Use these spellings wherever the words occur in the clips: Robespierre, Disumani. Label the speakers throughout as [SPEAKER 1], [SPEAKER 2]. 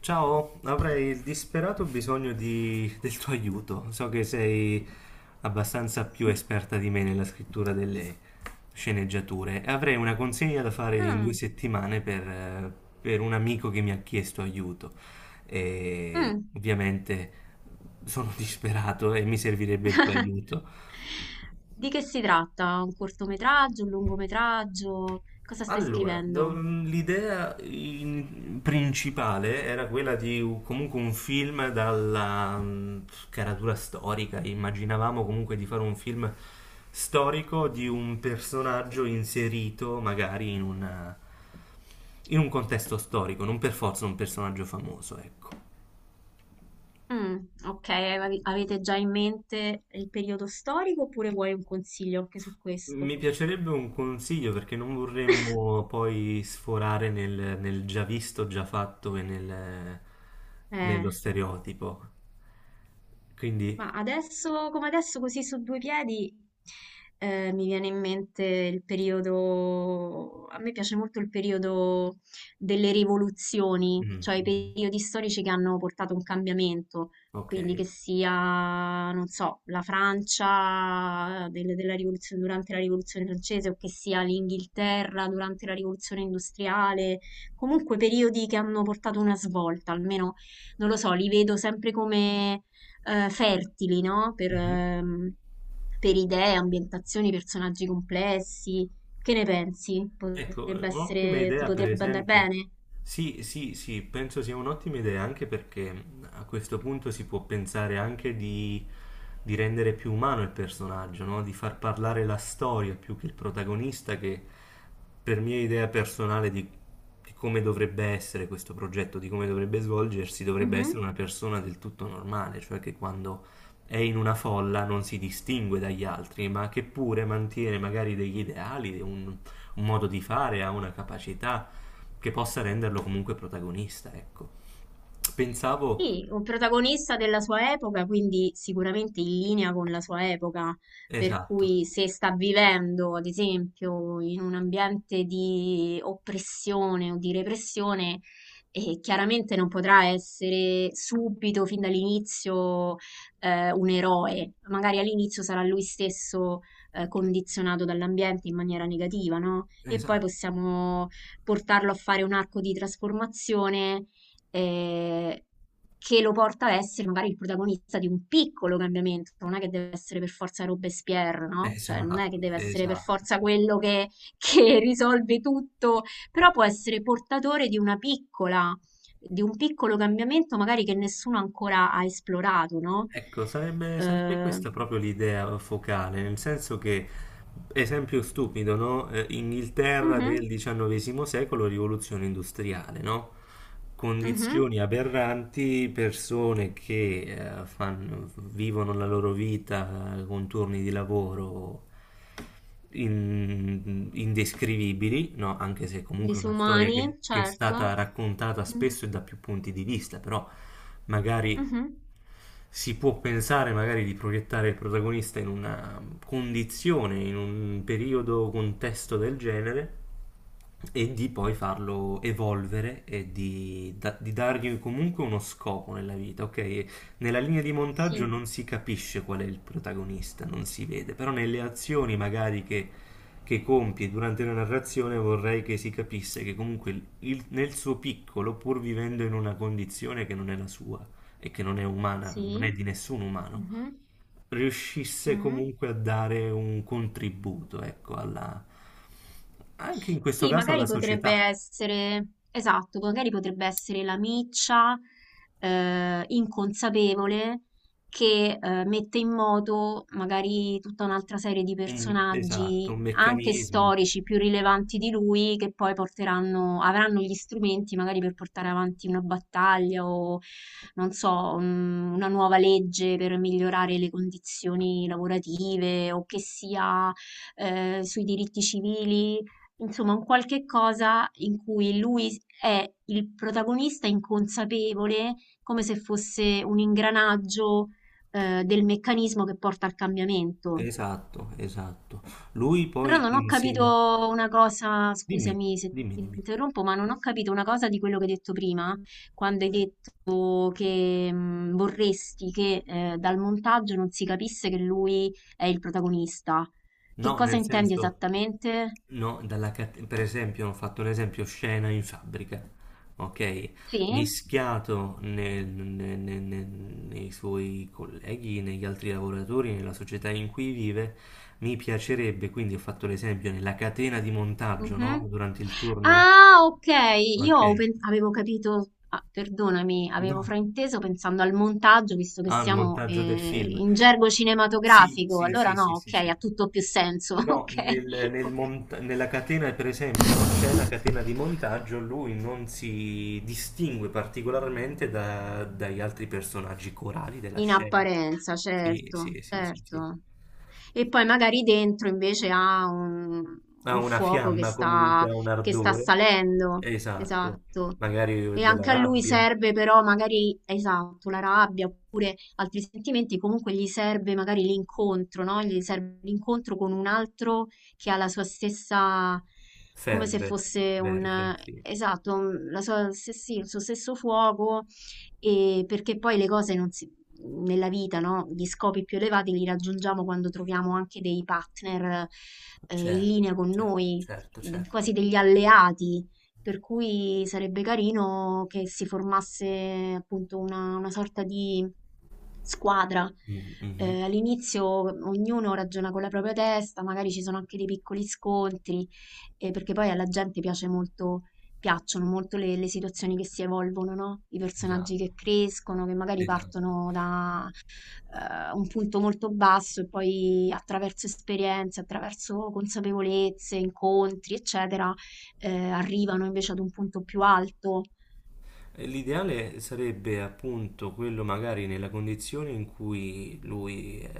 [SPEAKER 1] Ciao, avrei il disperato bisogno del tuo aiuto. So che sei abbastanza più esperta di me nella scrittura delle sceneggiature. Avrei una consegna da fare in
[SPEAKER 2] Ah,
[SPEAKER 1] due settimane per un amico che mi ha chiesto aiuto. E
[SPEAKER 2] mh.
[SPEAKER 1] ovviamente sono disperato e mi servirebbe il tuo aiuto.
[SPEAKER 2] Di che si tratta? Un cortometraggio, un lungometraggio? Cosa stai
[SPEAKER 1] Allora,
[SPEAKER 2] scrivendo?
[SPEAKER 1] l'idea principale era quella di comunque un film dalla caratura storica. Immaginavamo comunque di fare un film storico di un personaggio inserito magari in in un contesto storico, non per forza un personaggio famoso, ecco.
[SPEAKER 2] Mm, ok, avete già in mente il periodo storico oppure vuoi un consiglio anche su questo?
[SPEAKER 1] Mi piacerebbe un consiglio perché non vorremmo poi sforare nel già visto, già fatto e
[SPEAKER 2] Eh.
[SPEAKER 1] nello stereotipo. Quindi,
[SPEAKER 2] Ma adesso, come adesso, così su due piedi, mi viene in mente il periodo, a me piace molto il periodo delle rivoluzioni,
[SPEAKER 1] mm,
[SPEAKER 2] cioè i
[SPEAKER 1] mm,
[SPEAKER 2] periodi storici che hanno portato un cambiamento,
[SPEAKER 1] ok.
[SPEAKER 2] quindi che sia, non so, la della durante la rivoluzione francese o che sia l'Inghilterra durante la rivoluzione industriale, comunque periodi che hanno portato una svolta, almeno non lo so, li vedo sempre fertili, no?
[SPEAKER 1] Mhm.
[SPEAKER 2] Per idee, ambientazioni, personaggi complessi. Che ne pensi?
[SPEAKER 1] Ecco,
[SPEAKER 2] Potrebbe
[SPEAKER 1] un'ottima
[SPEAKER 2] essere, ti
[SPEAKER 1] idea, per
[SPEAKER 2] potrebbe andare
[SPEAKER 1] esempio.
[SPEAKER 2] bene?
[SPEAKER 1] Sì, sì, sì, penso sia un'ottima idea anche perché a questo punto si può pensare anche di rendere più umano il personaggio, no? Di far parlare la storia più che il protagonista, che per mia idea personale di come dovrebbe essere questo progetto, di come dovrebbe svolgersi, dovrebbe essere
[SPEAKER 2] Mhm.
[SPEAKER 1] una persona del tutto normale, cioè che quando è in una folla non si distingue dagli altri, ma che pure mantiene magari degli ideali, un modo di fare, ha una capacità che possa renderlo comunque protagonista, ecco. Pensavo,
[SPEAKER 2] Sì, un protagonista della sua epoca, quindi sicuramente in linea con la sua epoca, per
[SPEAKER 1] esatto,
[SPEAKER 2] cui se sta vivendo, ad esempio, in un ambiente di oppressione o di repressione, chiaramente non potrà essere subito, fin dall'inizio, un eroe. Magari all'inizio sarà lui stesso, condizionato dall'ambiente in maniera negativa, no? E poi
[SPEAKER 1] esatto,
[SPEAKER 2] possiamo portarlo a fare un arco di trasformazione eh, che lo porta a essere magari il protagonista di un piccolo cambiamento, non è che deve essere per forza Robespierre, no? Cioè non è
[SPEAKER 1] esatto,
[SPEAKER 2] che deve essere per
[SPEAKER 1] esatto.
[SPEAKER 2] forza quello che, che risolve tutto, però può essere portatore di una piccola, di un piccolo cambiamento magari che nessuno ancora ha esplorato, no?
[SPEAKER 1] Ecco, sarebbe
[SPEAKER 2] Eh,
[SPEAKER 1] questa proprio l'idea focale, nel senso che, esempio stupido, no? Inghilterra del
[SPEAKER 2] mhm,
[SPEAKER 1] XIX secolo, rivoluzione industriale, no?
[SPEAKER 2] mhm,
[SPEAKER 1] Condizioni aberranti, persone che vivono la loro vita con turni di lavoro indescrivibili, no? Anche se comunque è una storia
[SPEAKER 2] Disumani,
[SPEAKER 1] che è
[SPEAKER 2] certo.
[SPEAKER 1] stata raccontata
[SPEAKER 2] Mhm,
[SPEAKER 1] spesso e da più punti di vista, però magari
[SPEAKER 2] mhm,
[SPEAKER 1] si può pensare magari di proiettare il protagonista in una condizione, in un periodo, contesto del genere e di poi farlo evolvere e di dargli comunque uno scopo nella vita, ok? Nella linea di montaggio
[SPEAKER 2] Sì,
[SPEAKER 1] non si capisce qual è il protagonista, non si vede, però nelle azioni magari che compie durante la narrazione vorrei che si capisse che comunque nel suo piccolo, pur vivendo in una condizione che non è la sua, e che non è umana, non
[SPEAKER 2] sì.
[SPEAKER 1] è di nessun umano,
[SPEAKER 2] mhm,
[SPEAKER 1] riuscisse
[SPEAKER 2] mhm.
[SPEAKER 1] comunque a dare un contributo, ecco, alla, anche in questo
[SPEAKER 2] Sì,
[SPEAKER 1] caso alla
[SPEAKER 2] magari potrebbe
[SPEAKER 1] società.
[SPEAKER 2] essere, esatto, magari potrebbe essere la miccia inconsapevole che mette in moto magari tutta un'altra serie di
[SPEAKER 1] Esatto,
[SPEAKER 2] personaggi,
[SPEAKER 1] un
[SPEAKER 2] anche
[SPEAKER 1] meccanismo.
[SPEAKER 2] storici, più rilevanti di lui, che poi porteranno, avranno gli strumenti magari per portare avanti una battaglia o, non so, una nuova legge per migliorare le condizioni lavorative o che sia sui diritti civili. Insomma, un qualche cosa in cui lui è il protagonista inconsapevole, come se fosse un ingranaggio, del meccanismo che porta al cambiamento.
[SPEAKER 1] Esatto, esatto. Lui
[SPEAKER 2] Però
[SPEAKER 1] poi
[SPEAKER 2] non ho
[SPEAKER 1] insieme...
[SPEAKER 2] capito una cosa,
[SPEAKER 1] Dimmi,
[SPEAKER 2] scusami se
[SPEAKER 1] dimmi,
[SPEAKER 2] ti
[SPEAKER 1] dimmi.
[SPEAKER 2] interrompo, ma non ho capito una cosa di quello che hai detto prima, quando hai detto che vorresti che dal montaggio non si capisse che lui è il protagonista. Che
[SPEAKER 1] No,
[SPEAKER 2] cosa
[SPEAKER 1] nel
[SPEAKER 2] intendi
[SPEAKER 1] senso,
[SPEAKER 2] esattamente?
[SPEAKER 1] no, dalla per esempio, ho fatto un esempio scena in fabbrica, ok?
[SPEAKER 2] Sì?
[SPEAKER 1] Mischiato nei suoi colleghi, negli altri lavoratori, nella società in cui vive, mi piacerebbe, quindi ho fatto l'esempio nella catena di montaggio, no?
[SPEAKER 2] Mh-mh.
[SPEAKER 1] Durante il turno,
[SPEAKER 2] Ah, okay. Io
[SPEAKER 1] ok?
[SPEAKER 2] ho pen avevo capito, ah, perdonami, avevo
[SPEAKER 1] No.
[SPEAKER 2] frainteso pensando al montaggio, visto che
[SPEAKER 1] Ah, il
[SPEAKER 2] siamo,
[SPEAKER 1] montaggio del film.
[SPEAKER 2] in gergo
[SPEAKER 1] Sì,
[SPEAKER 2] cinematografico.
[SPEAKER 1] sì,
[SPEAKER 2] Allora
[SPEAKER 1] sì, sì,
[SPEAKER 2] no,
[SPEAKER 1] sì,
[SPEAKER 2] okay,
[SPEAKER 1] sì.
[SPEAKER 2] ha tutto più senso.
[SPEAKER 1] No,
[SPEAKER 2] Okay, oka
[SPEAKER 1] nella catena, per esempio, no, c'è la catena di montaggio, lui non si distingue particolarmente dagli altri personaggi corali della
[SPEAKER 2] in
[SPEAKER 1] scena.
[SPEAKER 2] apparenza,
[SPEAKER 1] Sì,
[SPEAKER 2] certo,
[SPEAKER 1] sì, sì, sì, sì.
[SPEAKER 2] certo. E poi magari dentro invece ha
[SPEAKER 1] Ha
[SPEAKER 2] un
[SPEAKER 1] una
[SPEAKER 2] fuoco
[SPEAKER 1] fiamma comunque, ha un
[SPEAKER 2] che sta
[SPEAKER 1] ardore.
[SPEAKER 2] salendo.
[SPEAKER 1] Esatto.
[SPEAKER 2] Esatto.
[SPEAKER 1] Magari
[SPEAKER 2] E
[SPEAKER 1] della
[SPEAKER 2] anche a lui
[SPEAKER 1] rabbia.
[SPEAKER 2] serve però magari, esatto, la rabbia oppure altri sentimenti, comunque gli serve magari l'incontro, no? Gli serve l'incontro con un altro che ha la sua stessa, come se
[SPEAKER 1] Ferve,
[SPEAKER 2] fosse un,
[SPEAKER 1] verve, sì.
[SPEAKER 2] esatto, la sua, se sì, il suo stesso fuoco, e perché poi le cose non si nella vita, no, gli scopi più elevati li raggiungiamo quando troviamo anche dei partner, in
[SPEAKER 1] Certo,
[SPEAKER 2] linea con
[SPEAKER 1] certo,
[SPEAKER 2] noi,
[SPEAKER 1] certo, certo.
[SPEAKER 2] quasi degli alleati. Per cui sarebbe carino che si formasse appunto una sorta di squadra.
[SPEAKER 1] Mhm, mhm.
[SPEAKER 2] All'inizio ognuno ragiona con la propria testa, magari ci sono anche dei piccoli scontri, perché poi alla gente piace molto, piacciono molto le situazioni che si evolvono, no? I personaggi
[SPEAKER 1] Esatto,
[SPEAKER 2] che crescono, che magari
[SPEAKER 1] esatto.
[SPEAKER 2] partono da un punto molto basso e poi attraverso esperienze, attraverso consapevolezze, incontri, eccetera, arrivano invece ad un punto più alto.
[SPEAKER 1] L'ideale sarebbe appunto quello magari nella condizione in cui lui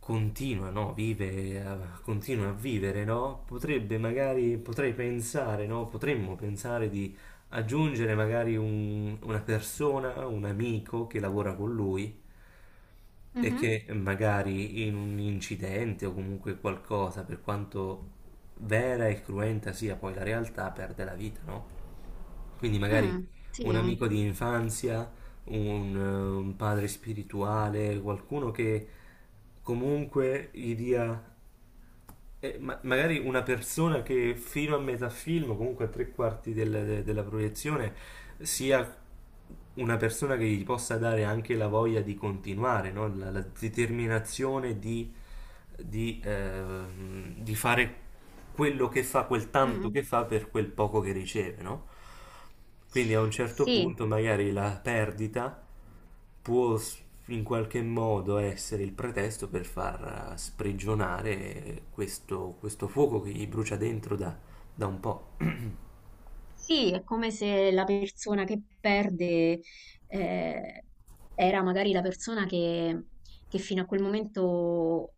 [SPEAKER 1] continua, no? Vive, continua a vivere, no? Potrebbe magari, potrei pensare, no? Potremmo pensare di aggiungere magari una persona, un amico che lavora con lui e
[SPEAKER 2] Mhm.
[SPEAKER 1] che magari in un incidente o comunque qualcosa, per quanto vera e cruenta sia poi la realtà, perde la vita, no? Quindi magari
[SPEAKER 2] Mm, sì.
[SPEAKER 1] un amico di infanzia, un padre spirituale, qualcuno che comunque gli dia, magari una persona che fino a metà film, comunque a tre quarti della proiezione, sia una persona che gli possa dare anche la voglia di continuare, no? La determinazione di fare quello che fa, quel tanto
[SPEAKER 2] Mm.
[SPEAKER 1] che fa per quel poco che riceve, no? Quindi a un certo
[SPEAKER 2] Sì,
[SPEAKER 1] punto magari la perdita può in qualche modo essere il pretesto per far sprigionare questo fuoco che gli brucia dentro da, da un po'.
[SPEAKER 2] sì, è come se la persona che perde eh, era magari la persona che fino a quel momento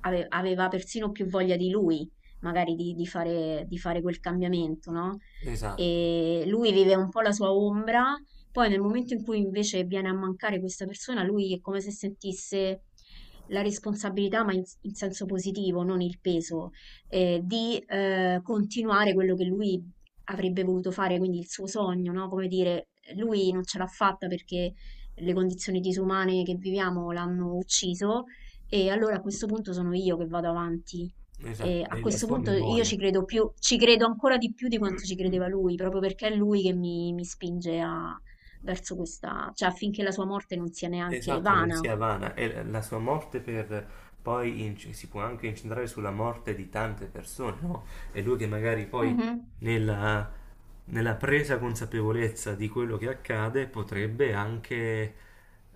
[SPEAKER 2] aveva persino più voglia di lui, magari di fare quel cambiamento, no?
[SPEAKER 1] Esatto,
[SPEAKER 2] E lui vive un po' la sua ombra, poi nel momento in cui invece viene a mancare questa persona, lui è come se sentisse la responsabilità, ma in in senso positivo, non il peso di continuare quello che lui avrebbe voluto fare, quindi il suo sogno, no, come dire, lui non ce l'ha fatta perché le condizioni disumane che viviamo l'hanno ucciso e allora a questo punto sono io che vado avanti. E
[SPEAKER 1] esatto,
[SPEAKER 2] a
[SPEAKER 1] nella
[SPEAKER 2] questo
[SPEAKER 1] sua
[SPEAKER 2] punto io
[SPEAKER 1] memoria.
[SPEAKER 2] ci credo più, ci credo ancora di più di quanto ci credeva lui, proprio perché è lui che mi spinge a, verso questa, cioè affinché la sua morte non sia neanche
[SPEAKER 1] Esatto, non
[SPEAKER 2] vana.
[SPEAKER 1] sia vana. E la sua morte per poi si può anche incentrare sulla morte di tante persone, no? E lui che magari poi
[SPEAKER 2] Mhm,
[SPEAKER 1] nella, nella presa consapevolezza di quello che accade potrebbe anche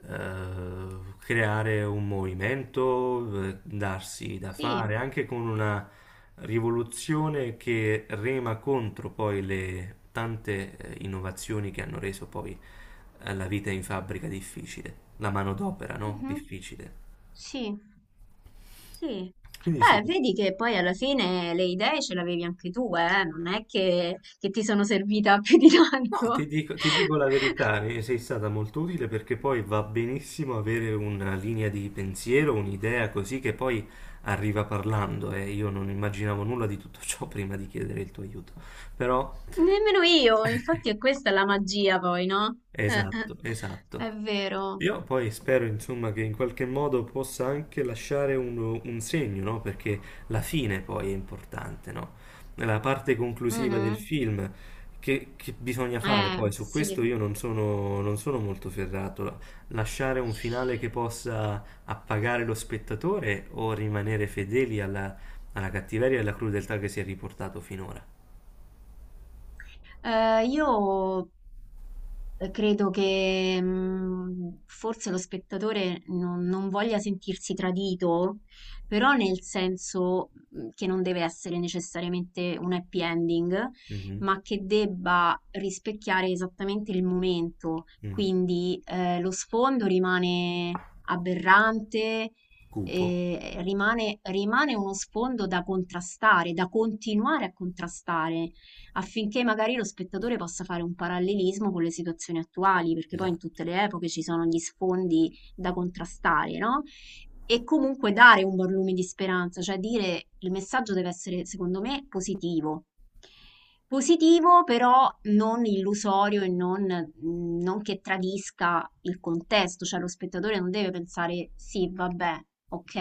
[SPEAKER 1] creare un movimento, darsi da
[SPEAKER 2] Sì,
[SPEAKER 1] fare, anche con una rivoluzione che rema contro poi le tante innovazioni che hanno reso poi la vita in fabbrica difficile, la manodopera, no?
[SPEAKER 2] mhm,
[SPEAKER 1] Difficile.
[SPEAKER 2] sì. Sì.
[SPEAKER 1] Quindi sì.
[SPEAKER 2] Beh, vedi che poi alla fine le idee ce l'avevi anche tu, eh? Non è che ti sono servita più di
[SPEAKER 1] No,
[SPEAKER 2] tanto.
[SPEAKER 1] ti dico la verità, e sei stata molto utile perché poi va benissimo avere una linea di pensiero, un'idea così che poi arriva parlando e io non immaginavo nulla di tutto ciò prima di chiedere il tuo aiuto. Però,
[SPEAKER 2] Nemmeno io, infatti è questa la magia poi, no? Eh.
[SPEAKER 1] esatto, esatto.
[SPEAKER 2] È vero.
[SPEAKER 1] Io poi spero, insomma, che in qualche modo possa anche lasciare un segno, no? Perché la fine poi è importante, no? La parte
[SPEAKER 2] Mm,
[SPEAKER 1] conclusiva del
[SPEAKER 2] mm.
[SPEAKER 1] film che bisogna fare poi, su
[SPEAKER 2] Sì.
[SPEAKER 1] questo io non sono molto ferrato. Lasciare un finale che possa appagare lo spettatore o rimanere fedeli alla, alla cattiveria e alla crudeltà che si è riportato finora.
[SPEAKER 2] Io credo che forse lo spettatore non, non voglia sentirsi tradito, però nel senso che non deve essere necessariamente un happy ending,
[SPEAKER 1] Mhm,
[SPEAKER 2] ma che debba rispecchiare esattamente il momento.
[SPEAKER 1] mm.
[SPEAKER 2] Quindi lo sfondo rimane aberrante,
[SPEAKER 1] Cupo,
[SPEAKER 2] rimane, rimane uno sfondo da contrastare, da continuare a contrastare affinché magari lo spettatore possa fare un parallelismo con le situazioni attuali, perché poi in
[SPEAKER 1] esatto.
[SPEAKER 2] tutte le epoche ci sono gli sfondi da contrastare, no? E comunque dare un buon lume di speranza, cioè dire il messaggio deve essere, secondo me, positivo. Positivo, però non illusorio e non, non che tradisca il contesto, cioè lo spettatore non deve pensare sì, vabbè, ok,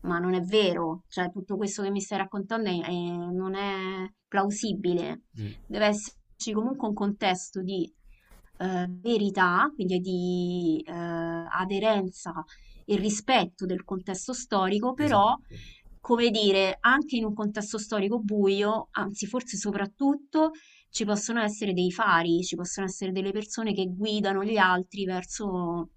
[SPEAKER 2] ma non è vero, cioè tutto questo che mi stai raccontando non è plausibile.
[SPEAKER 1] Mm,
[SPEAKER 2] Deve esserci comunque un contesto di verità, quindi di aderenza e rispetto del contesto storico, però,
[SPEAKER 1] esatto.
[SPEAKER 2] come dire, anche in un contesto storico buio, anzi forse soprattutto, ci possono essere dei fari, ci possono essere delle persone che guidano gli altri verso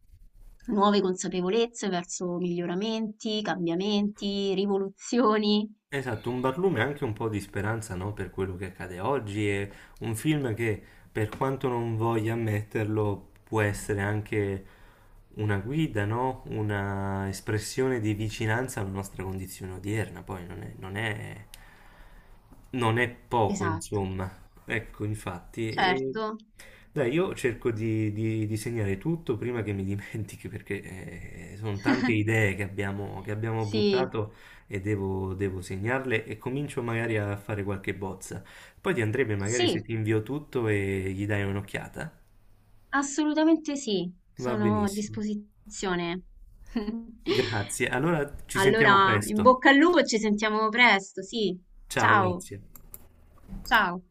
[SPEAKER 2] nuove consapevolezze, verso miglioramenti, cambiamenti, rivoluzioni.
[SPEAKER 1] Esatto, un barlume e anche un po' di speranza, no, per quello che accade oggi. È un film che, per quanto non voglia ammetterlo, può essere anche una guida, no? Una espressione di vicinanza alla nostra condizione odierna. Poi non è poco,
[SPEAKER 2] Esatto,
[SPEAKER 1] insomma. Ecco, infatti.
[SPEAKER 2] certo.
[SPEAKER 1] Dai, io cerco di segnare tutto prima che mi dimentichi, perché sono tante idee che abbiamo
[SPEAKER 2] Sì,
[SPEAKER 1] buttato e devo segnarle e comincio magari a fare qualche bozza. Poi ti andrebbe magari se
[SPEAKER 2] sì,
[SPEAKER 1] ti invio tutto e gli dai un'occhiata.
[SPEAKER 2] assolutamente sì,
[SPEAKER 1] Va
[SPEAKER 2] sono a
[SPEAKER 1] benissimo.
[SPEAKER 2] disposizione.
[SPEAKER 1] Grazie. Allora ci sentiamo
[SPEAKER 2] Allora, in
[SPEAKER 1] presto.
[SPEAKER 2] bocca al lupo e ci sentiamo presto, sì.
[SPEAKER 1] Ciao,
[SPEAKER 2] Ciao,
[SPEAKER 1] grazie.
[SPEAKER 2] ciao.